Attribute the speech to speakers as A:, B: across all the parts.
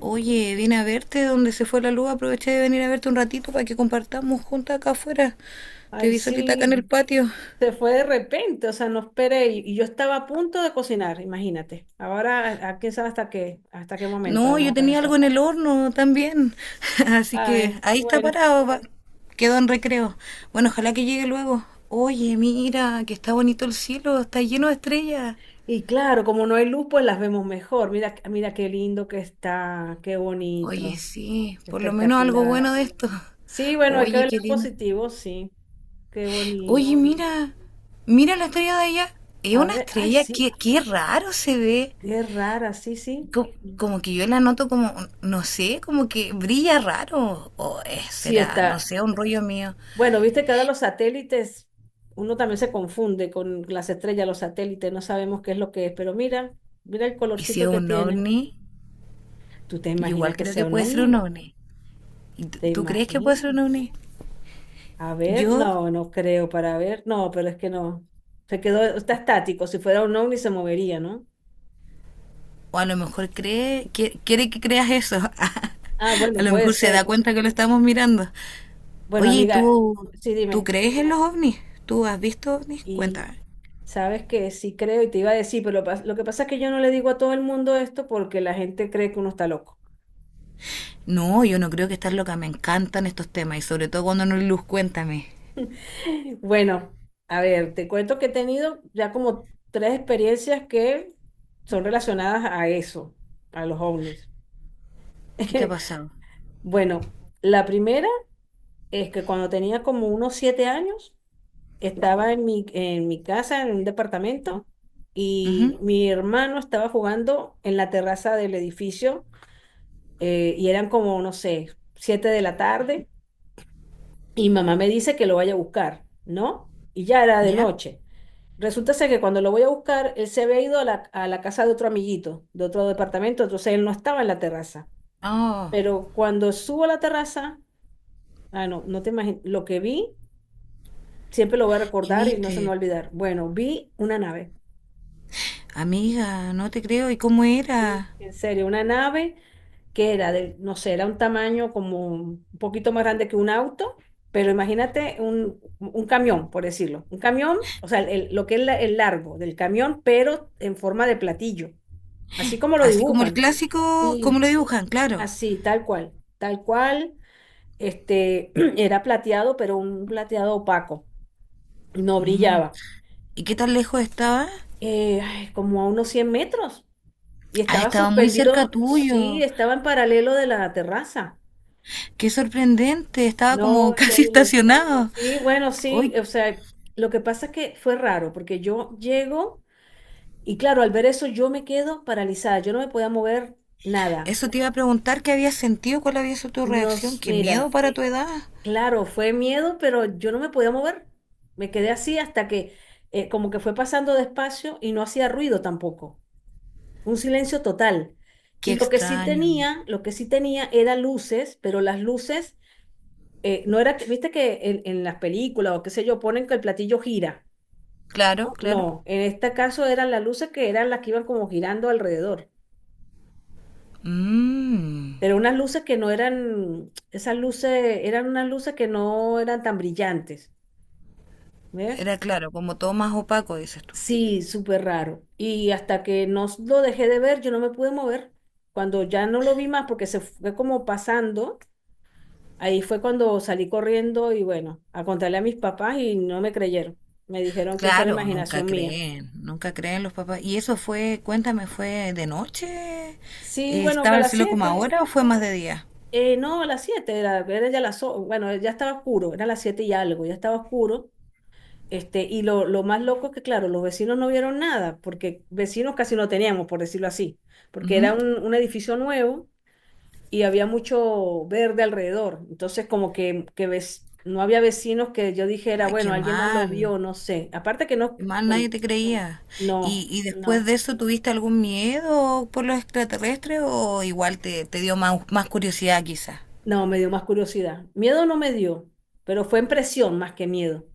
A: Oye, vine a verte donde se fue la luz. Aproveché de venir a verte un ratito para que compartamos juntas acá afuera. Te
B: Ay,
A: vi solita acá en el
B: sí,
A: patio.
B: se fue de repente, o sea, no esperé y yo estaba a punto de cocinar, imagínate. Ahora, a quién sabe hasta qué momento
A: No,
B: vamos a
A: yo
B: estar
A: tenía
B: así.
A: algo en el horno también. Así que
B: Ay,
A: ahí está
B: bueno.
A: parado. Quedó en recreo. Bueno, ojalá que llegue luego. Oye, mira, que está bonito el cielo. Está lleno de estrellas.
B: Y claro, como no hay luz, pues las vemos mejor. Mira, mira qué lindo que está, qué
A: Oye,
B: bonito,
A: sí, por lo menos algo
B: espectacular.
A: bueno de esto.
B: Sí, bueno, hay que
A: Oye,
B: verlo
A: qué
B: en
A: lindo.
B: positivo, sí. Qué bonito,
A: Oye,
B: mira.
A: mira, mira la estrella de allá. Es
B: A
A: una
B: ver, ay,
A: estrella,
B: sí,
A: qué raro se ve.
B: qué rara, sí, sí.
A: Como que yo la noto como, no sé, como que brilla raro. O
B: Sí
A: será, no
B: está.
A: sé, un rollo mío.
B: Bueno, viste que ahora los satélites, uno también se confunde con las estrellas, los satélites, no sabemos qué es lo que es, pero mira, mira el
A: Y si
B: colorcito
A: es
B: que
A: un
B: tiene.
A: ovni,
B: ¿Tú te
A: yo
B: imaginas
A: igual
B: que
A: creo
B: sea
A: que
B: un
A: puede ser un
B: ovni?
A: ovni.
B: ¿Te
A: ¿Tú crees que puede
B: imaginas?
A: ser un ovni?
B: A ver,
A: Yo,
B: no, no creo para ver, no, pero es que no. Se quedó, está estático, si fuera un ovni se movería, ¿no?
A: o a lo mejor cree, quiere que creas eso.
B: Ah,
A: A
B: bueno,
A: lo
B: puede
A: mejor se da
B: ser.
A: cuenta que lo estamos mirando.
B: Bueno,
A: Oye, ¿y
B: amiga,
A: tú,
B: sí,
A: tú
B: dime.
A: crees en los ovnis? ¿Tú has visto ovnis?
B: Y
A: Cuéntame.
B: sabes que sí creo y te iba a decir, pero lo que pasa es que yo no le digo a todo el mundo esto porque la gente cree que uno está loco.
A: No, yo no creo que estás loca. Me encantan estos temas y sobre todo cuando no hay luz, cuéntame.
B: Bueno, a ver, te cuento que he tenido ya como tres experiencias que son relacionadas a eso, a los ovnis.
A: ¿Qué te ha pasado?
B: Bueno, la primera es que cuando tenía como unos 7 años, estaba en mi casa, en un departamento, y
A: Ujú.
B: mi hermano estaba jugando en la terraza del edificio, y eran como, no sé, 7 de la tarde, y mamá me dice que lo vaya a buscar, ¿no? Y ya era de
A: ¿Ya?
B: noche. Resulta ser que cuando lo voy a buscar, él se había ido a la casa de otro amiguito, de otro departamento, entonces él no estaba en la terraza.
A: Oh,
B: Pero cuando subo a la terraza, ah, no, no te imaginas, lo que vi, siempre lo voy a
A: ¿qué
B: recordar y no se me va
A: viste?
B: a olvidar. Bueno, vi una nave,
A: Amiga, no te creo. ¿Y cómo
B: sí,
A: era?
B: en serio, una nave que era de, no sé, era un tamaño como un poquito más grande que un auto, pero imagínate un camión, por decirlo. Un camión, o sea, el- lo que es la- el largo del camión, pero en forma de platillo, así como lo
A: Así como el
B: dibujan.
A: clásico, cómo
B: Sí,
A: lo dibujan, claro.
B: así, tal cual, este, era plateado, pero un plateado opaco, no
A: Mm.
B: brillaba,
A: ¿Y qué tan lejos estaba?
B: ay, como a unos 100 metros, y
A: Ah,
B: estaba
A: estaba muy cerca
B: suspendido, sí,
A: tuyo.
B: estaba en paralelo de la terraza.
A: Qué sorprendente. Estaba
B: No,
A: como casi
B: increíble.
A: estacionado.
B: Sí, bueno, sí,
A: Hoy,
B: o sea, lo que pasa es que fue raro, porque yo llego, y claro, al ver eso yo me quedo paralizada, yo no me podía mover nada.
A: eso te iba a preguntar qué habías sentido, cuál había sido tu reacción. Qué miedo
B: Mira,
A: para tu edad.
B: claro, fue miedo, pero yo no me podía mover. Me quedé así hasta que como que fue pasando despacio y no hacía ruido tampoco. Un silencio total.
A: Qué
B: Y lo que sí
A: extraño.
B: tenía, lo que sí tenía era luces, pero las luces no era, viste que en las películas o qué sé yo, ponen que el platillo gira.
A: Claro,
B: No,
A: claro.
B: no, en este caso eran las luces que eran las que iban como girando alrededor.
A: Mm.
B: Pero unas luces que no eran, esas luces, eran unas luces que no eran tan brillantes. ¿Ves?
A: Era claro, como todo más opaco, dices tú.
B: Sí, súper raro. Y hasta que no s- lo dejé de ver, yo no me pude mover. Cuando ya no lo vi más porque se fue como pasando, ahí fue cuando salí corriendo y bueno, a contarle a mis papás y no me creyeron. Me dijeron que eso era
A: Claro, nunca
B: imaginación mía.
A: creen, nunca creen los papás. ¿Y eso fue, cuéntame, fue de noche?
B: Sí, bueno, que a
A: ¿Estaba el
B: las
A: cielo como
B: 7,
A: ahora o fue más de día?
B: no, a las 7 era, era ya bueno, ya estaba oscuro, era las 7 y algo, ya estaba oscuro. Este, y lo más loco es que, claro, los vecinos no vieron nada, porque vecinos casi no teníamos, por decirlo así, porque era
A: Ujú.
B: un edificio nuevo y había mucho verde alrededor. Entonces, como que ves, no había vecinos que yo dijera,
A: Ay,
B: bueno, alguien más lo vio, no sé. Aparte que no,
A: qué mal, nadie
B: bueno,
A: te creía. ¿Y,
B: no,
A: después
B: no,
A: de eso tuviste algún miedo por los extraterrestres o igual te, te dio más, más curiosidad quizás?
B: no, me dio más curiosidad. Miedo no me dio, pero fue impresión más que miedo.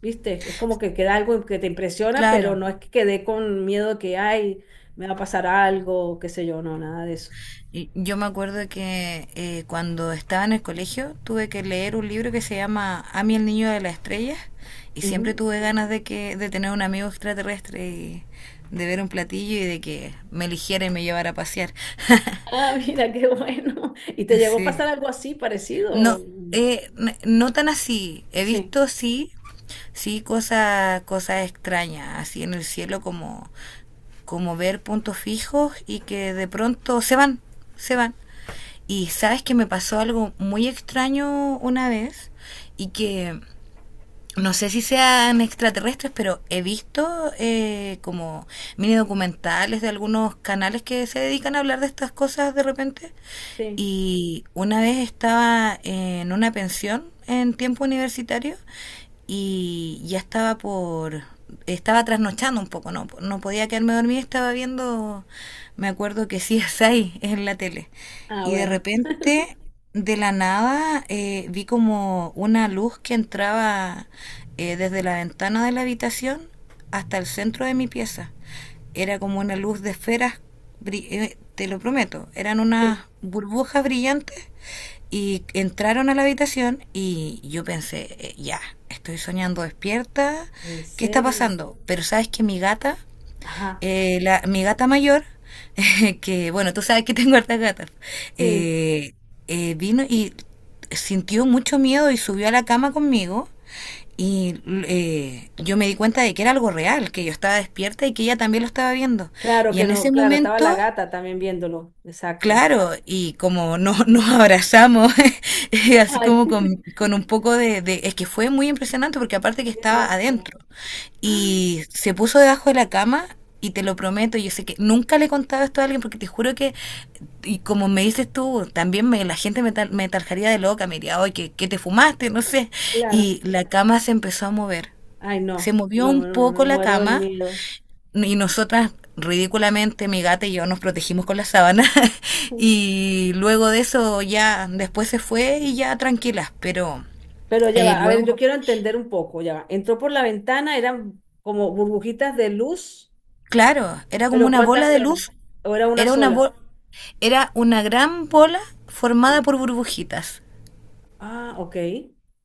B: ¿Viste? Es como que queda algo que te impresiona, pero
A: Claro.
B: no es que quedé con miedo de que, ay, me va a pasar algo, qué sé yo, no, nada de eso.
A: Y yo me acuerdo que cuando estaba en el colegio tuve que leer un libro que se llama Amy el niño de las estrellas y siempre
B: Ujú.
A: tuve ganas de que de tener un amigo extraterrestre y de ver un platillo y de que me eligiera y me llevara a pasear.
B: Ah, mira, qué bueno. ¿Y te llegó a
A: Sí.
B: pasar algo así
A: No,
B: parecido?
A: no tan así. He
B: Sí,
A: visto sí, sí cosas extrañas así en el cielo como como ver puntos fijos y que de pronto se van, se van. Y sabes que me pasó algo muy extraño una vez y que no sé si sean extraterrestres, pero he visto como mini documentales de algunos canales que se dedican a hablar de estas cosas de repente
B: sí.
A: y una vez estaba en una pensión en tiempo universitario y ya estaba por estaba trasnochando un poco, no, no podía quedarme dormida, estaba viendo, me acuerdo que sí es ahí, es en la tele.
B: Ah,
A: Y de
B: bueno.
A: repente, de la nada, vi como una luz que entraba desde la ventana de la habitación hasta el centro de mi pieza. Era como una luz de esferas, te lo prometo, eran
B: Sí.
A: unas burbujas brillantes y entraron a la habitación y yo pensé, ya, estoy soñando despierta,
B: ¿En
A: ¿qué está
B: serio?
A: pasando? Pero sabes que mi gata,
B: Ajá,
A: mi gata mayor, que bueno, tú sabes que tengo hartas gatas,
B: sí,
A: eh, vino y sintió mucho miedo y subió a la cama conmigo y yo me di cuenta de que era algo real, que yo estaba despierta y que ella también lo estaba viendo.
B: claro
A: Y
B: que
A: en ese
B: no, claro, estaba la
A: momento,
B: gata también viéndolo, exacto.
A: claro, y como no, nos abrazamos, así
B: Ay,
A: como con un poco de... Es que fue muy impresionante porque aparte que
B: qué
A: estaba
B: loco.
A: adentro.
B: Ah,
A: Y se puso debajo de la cama y te lo prometo, yo sé que nunca le he contado esto a alguien porque te juro que, y como me dices tú, también me, la gente me, me tarjaría de loca, me diría, oye, ¿qué te fumaste? No sé.
B: claro,
A: Y la cama se empezó a mover.
B: ay,
A: Se
B: no,
A: movió
B: no,
A: un
B: me, no, me
A: poco la
B: muero del
A: cama
B: miedo.
A: y nosotras ridículamente mi gata y yo nos protegimos con la sábana y luego de eso ya después se fue y ya tranquilas, pero
B: Pero ya va, a ver, yo
A: luego,
B: quiero entender un poco, ya va. Entró por la ventana, eran como burbujitas de luz,
A: claro, era como
B: pero
A: una bola
B: ¿cuántas
A: de
B: eran?
A: luz,
B: ¿O era una
A: era una
B: sola?
A: bo- era una gran bola formada
B: Sí.
A: por burbujitas
B: Ah, ok,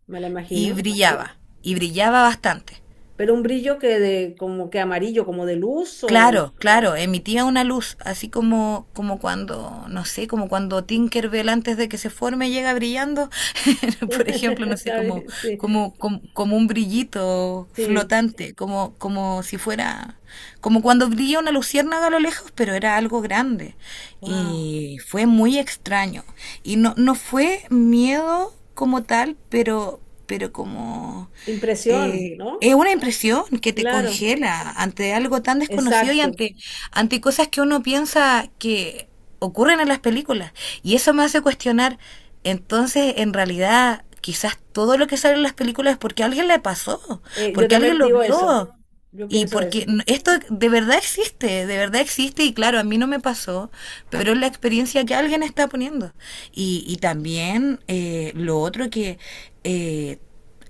B: me la imagino. Y-
A: y brillaba bastante.
B: Pero un brillo que de, como que amarillo, como de luz o...
A: Claro, claro, emitía una luz, así como, como cuando, no sé, como cuando Tinkerbell antes de que se forme llega brillando, por ejemplo, no sé,
B: ¿Sabes? Sí,
A: como un brillito
B: sí.
A: flotante, como si fuera, como cuando brilla una luciérnaga a lo lejos, pero era algo grande.
B: Wow.
A: Y fue muy extraño. Y no, no fue miedo como tal, pero como
B: Impresión, ¿no?
A: es una impresión que te
B: Claro,
A: congela ante algo tan desconocido y
B: exacto.
A: ante, ante cosas que uno piensa que ocurren en las películas. Y eso me hace cuestionar, entonces, en realidad, quizás todo lo que sale en las películas es porque a alguien le pasó,
B: Yo
A: porque
B: también
A: alguien lo
B: digo eso.
A: vio.
B: Yo
A: Y
B: pienso
A: porque
B: eso.
A: esto de verdad existe y claro, a mí no me pasó, pero es la experiencia que alguien está poniendo. Y también lo otro que eh,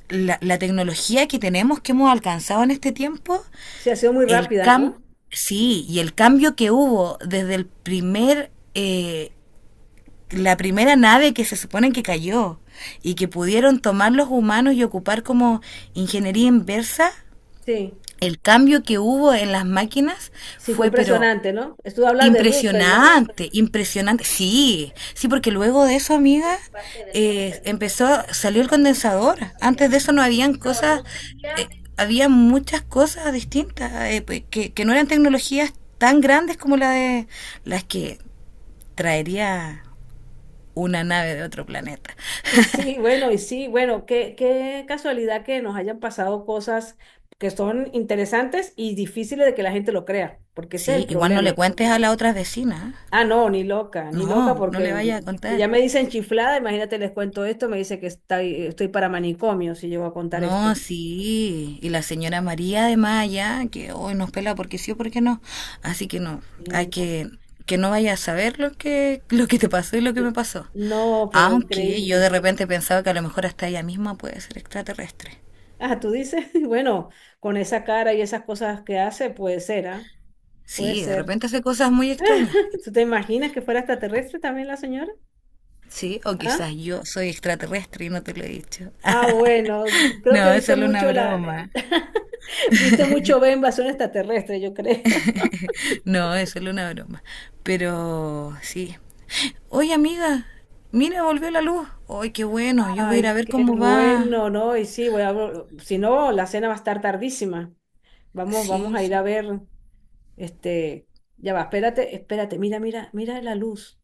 A: tecnología que tenemos, que hemos alcanzado en este tiempo,
B: Sí, ha sido muy
A: el
B: rápida,
A: cam
B: ¿no?
A: sí, y el cambio que hubo desde el primer... La primera nave que se supone que cayó y que pudieron tomar los humanos y ocupar como ingeniería inversa,
B: Sí,
A: el cambio que hubo en las máquinas
B: sí, fue
A: fue, pero
B: impresionante, ¿no? Estuvo hablando de Roosevelt, ¿no?
A: impresionante, impresionante. Sí, sí, porque luego de eso, amiga, empezó, salió el condensador. Antes de eso no habían cosas, eh, había muchas cosas distintas pues, que no eran tecnologías tan grandes como la de las que traería una nave de otro planeta.
B: Y sí, bueno, y sí, bueno, qué casualidad que nos hayan pasado cosas que son interesantes y difíciles de que la gente lo crea, porque ese es
A: Sí,
B: el
A: igual no le
B: problema.
A: cuentes a la otra vecina. ¿Eh?
B: Ah, no, ni loca, ni loca,
A: No, no le
B: porque
A: vaya a
B: si ya
A: contar.
B: me dicen chiflada, imagínate, les cuento esto, me dice que estoy para manicomio si llego a contar
A: No,
B: esto.
A: sí. Y la señora María de Maya que hoy nos pela porque sí o porque no. Así que no, hay
B: Sí, no,
A: que no vaya a saber lo que te pasó y lo que
B: L-
A: me pasó.
B: no, pero
A: Aunque yo de
B: increíble.
A: repente pensaba que a lo mejor hasta ella misma puede ser extraterrestre.
B: Ah, tú dices, bueno, con esa cara y esas cosas que hace, puede ser, ¿ah? Puede
A: Sí, de
B: ser.
A: repente hace cosas muy extrañas.
B: ¿Tú te imaginas que fuera extraterrestre también la señora?
A: Sí, o
B: ¿Ah?
A: quizás yo soy extraterrestre y no te lo he dicho.
B: Ah, bueno, creo que
A: No, es
B: viste
A: solo una
B: mucho
A: broma.
B: viste mucho ve invasión extraterrestre, yo creo.
A: No, es solo una broma. Pero sí. Oye, amiga, mira, volvió la luz. Ay, qué bueno, yo voy a ir a
B: Ay,
A: ver
B: qué
A: cómo va.
B: bueno, ¿no? Y sí, voy a, si no, la cena va a estar tardísima. Vamos, vamos
A: Sí,
B: a ir a
A: sí.
B: ver, este, ya va, espérate, espérate, mira, mira, mira la luz.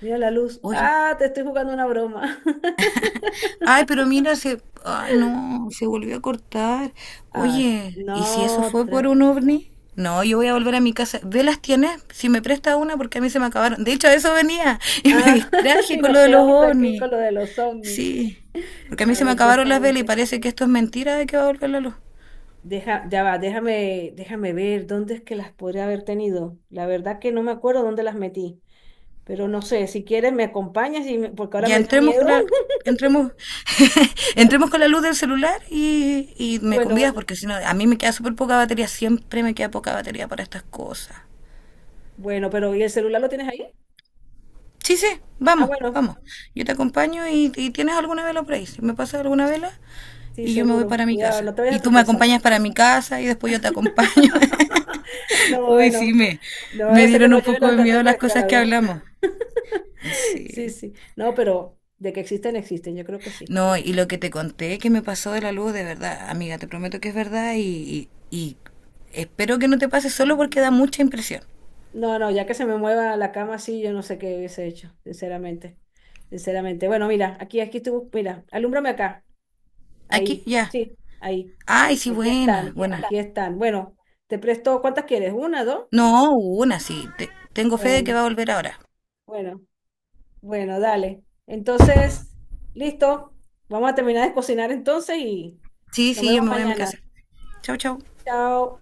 B: Mira la luz.
A: Oye.
B: Ah, te estoy jugando una broma.
A: Ay, pero mira, se... Ay, no, se volvió a cortar.
B: Ah, sí,
A: Oye, ¿y si eso
B: no,
A: fue por
B: otra.
A: un ovni? No, yo voy a volver a mi casa. ¿Velas tienes? Si me presta una, porque a mí se me acabaron. De hecho, a eso venía y me
B: Ah,
A: distraje
B: y
A: con
B: nos
A: lo de los
B: quedamos aquí
A: ovnis.
B: con lo de los ovnis.
A: Sí, porque a mí
B: A
A: se me
B: ver,
A: acabaron las
B: déjame,
A: velas y parece que esto es mentira de que va a volver la luz.
B: deja, ya va, déjame, déjame ver dónde es que las podría haber tenido. La verdad que no me acuerdo dónde las metí, pero no sé, si quieres me acompañas y porque ahora
A: Ya
B: me dio
A: entremos con
B: miedo.
A: la, entremos, entremos con la luz del celular y me
B: Bueno,
A: convidas
B: bueno,
A: porque si no, a mí me queda súper poca batería, siempre me queda poca batería para estas cosas.
B: bueno, pero ¿y el celular lo tienes ahí?
A: Sí, sí,
B: Ah,
A: vamos,
B: bueno,
A: vamos. Yo te acompaño y tienes alguna vela por ahí. Si me pasas alguna vela
B: sí,
A: y yo me voy
B: seguro.
A: para mi
B: Cuidado,
A: casa.
B: no te vayas a
A: Y tú me
B: tropezar.
A: acompañas para mi casa y después yo te acompaño.
B: No,
A: Uy,
B: bueno,
A: sí,
B: no vaya
A: me
B: a ser que
A: dieron
B: nos
A: un
B: lleven
A: poco
B: los
A: de miedo las
B: extraterrestres,
A: cosas
B: la
A: que hablamos.
B: Sí,
A: Sí.
B: sí. No, pero de que existen, existen, yo creo que sí.
A: No, y lo que te conté que me pasó de la luz, de verdad, amiga, te prometo que es verdad y, y espero que no te pase solo porque da mucha impresión.
B: No, no, ya que se me mueva la cama así, yo no sé qué hubiese hecho, sinceramente. Sinceramente. Bueno, mira, aquí, aquí estuvo, mira, alúmbrame acá.
A: Aquí,
B: Ahí,
A: ya.
B: sí, ahí.
A: Ay, sí,
B: Aquí
A: buena,
B: están,
A: buena.
B: aquí están. Bueno, te presto, ¿cuántas quieres? ¿Una, dos?
A: No, una, sí. Tengo fe de que
B: Bueno,
A: va a volver ahora.
B: bueno, bueno, dale. Entonces, listo. Vamos a terminar de cocinar entonces y
A: Sí,
B: nos
A: sí,
B: vemos
A: yo me voy a mi
B: mañana.
A: casa. Chau, chau.
B: Chao.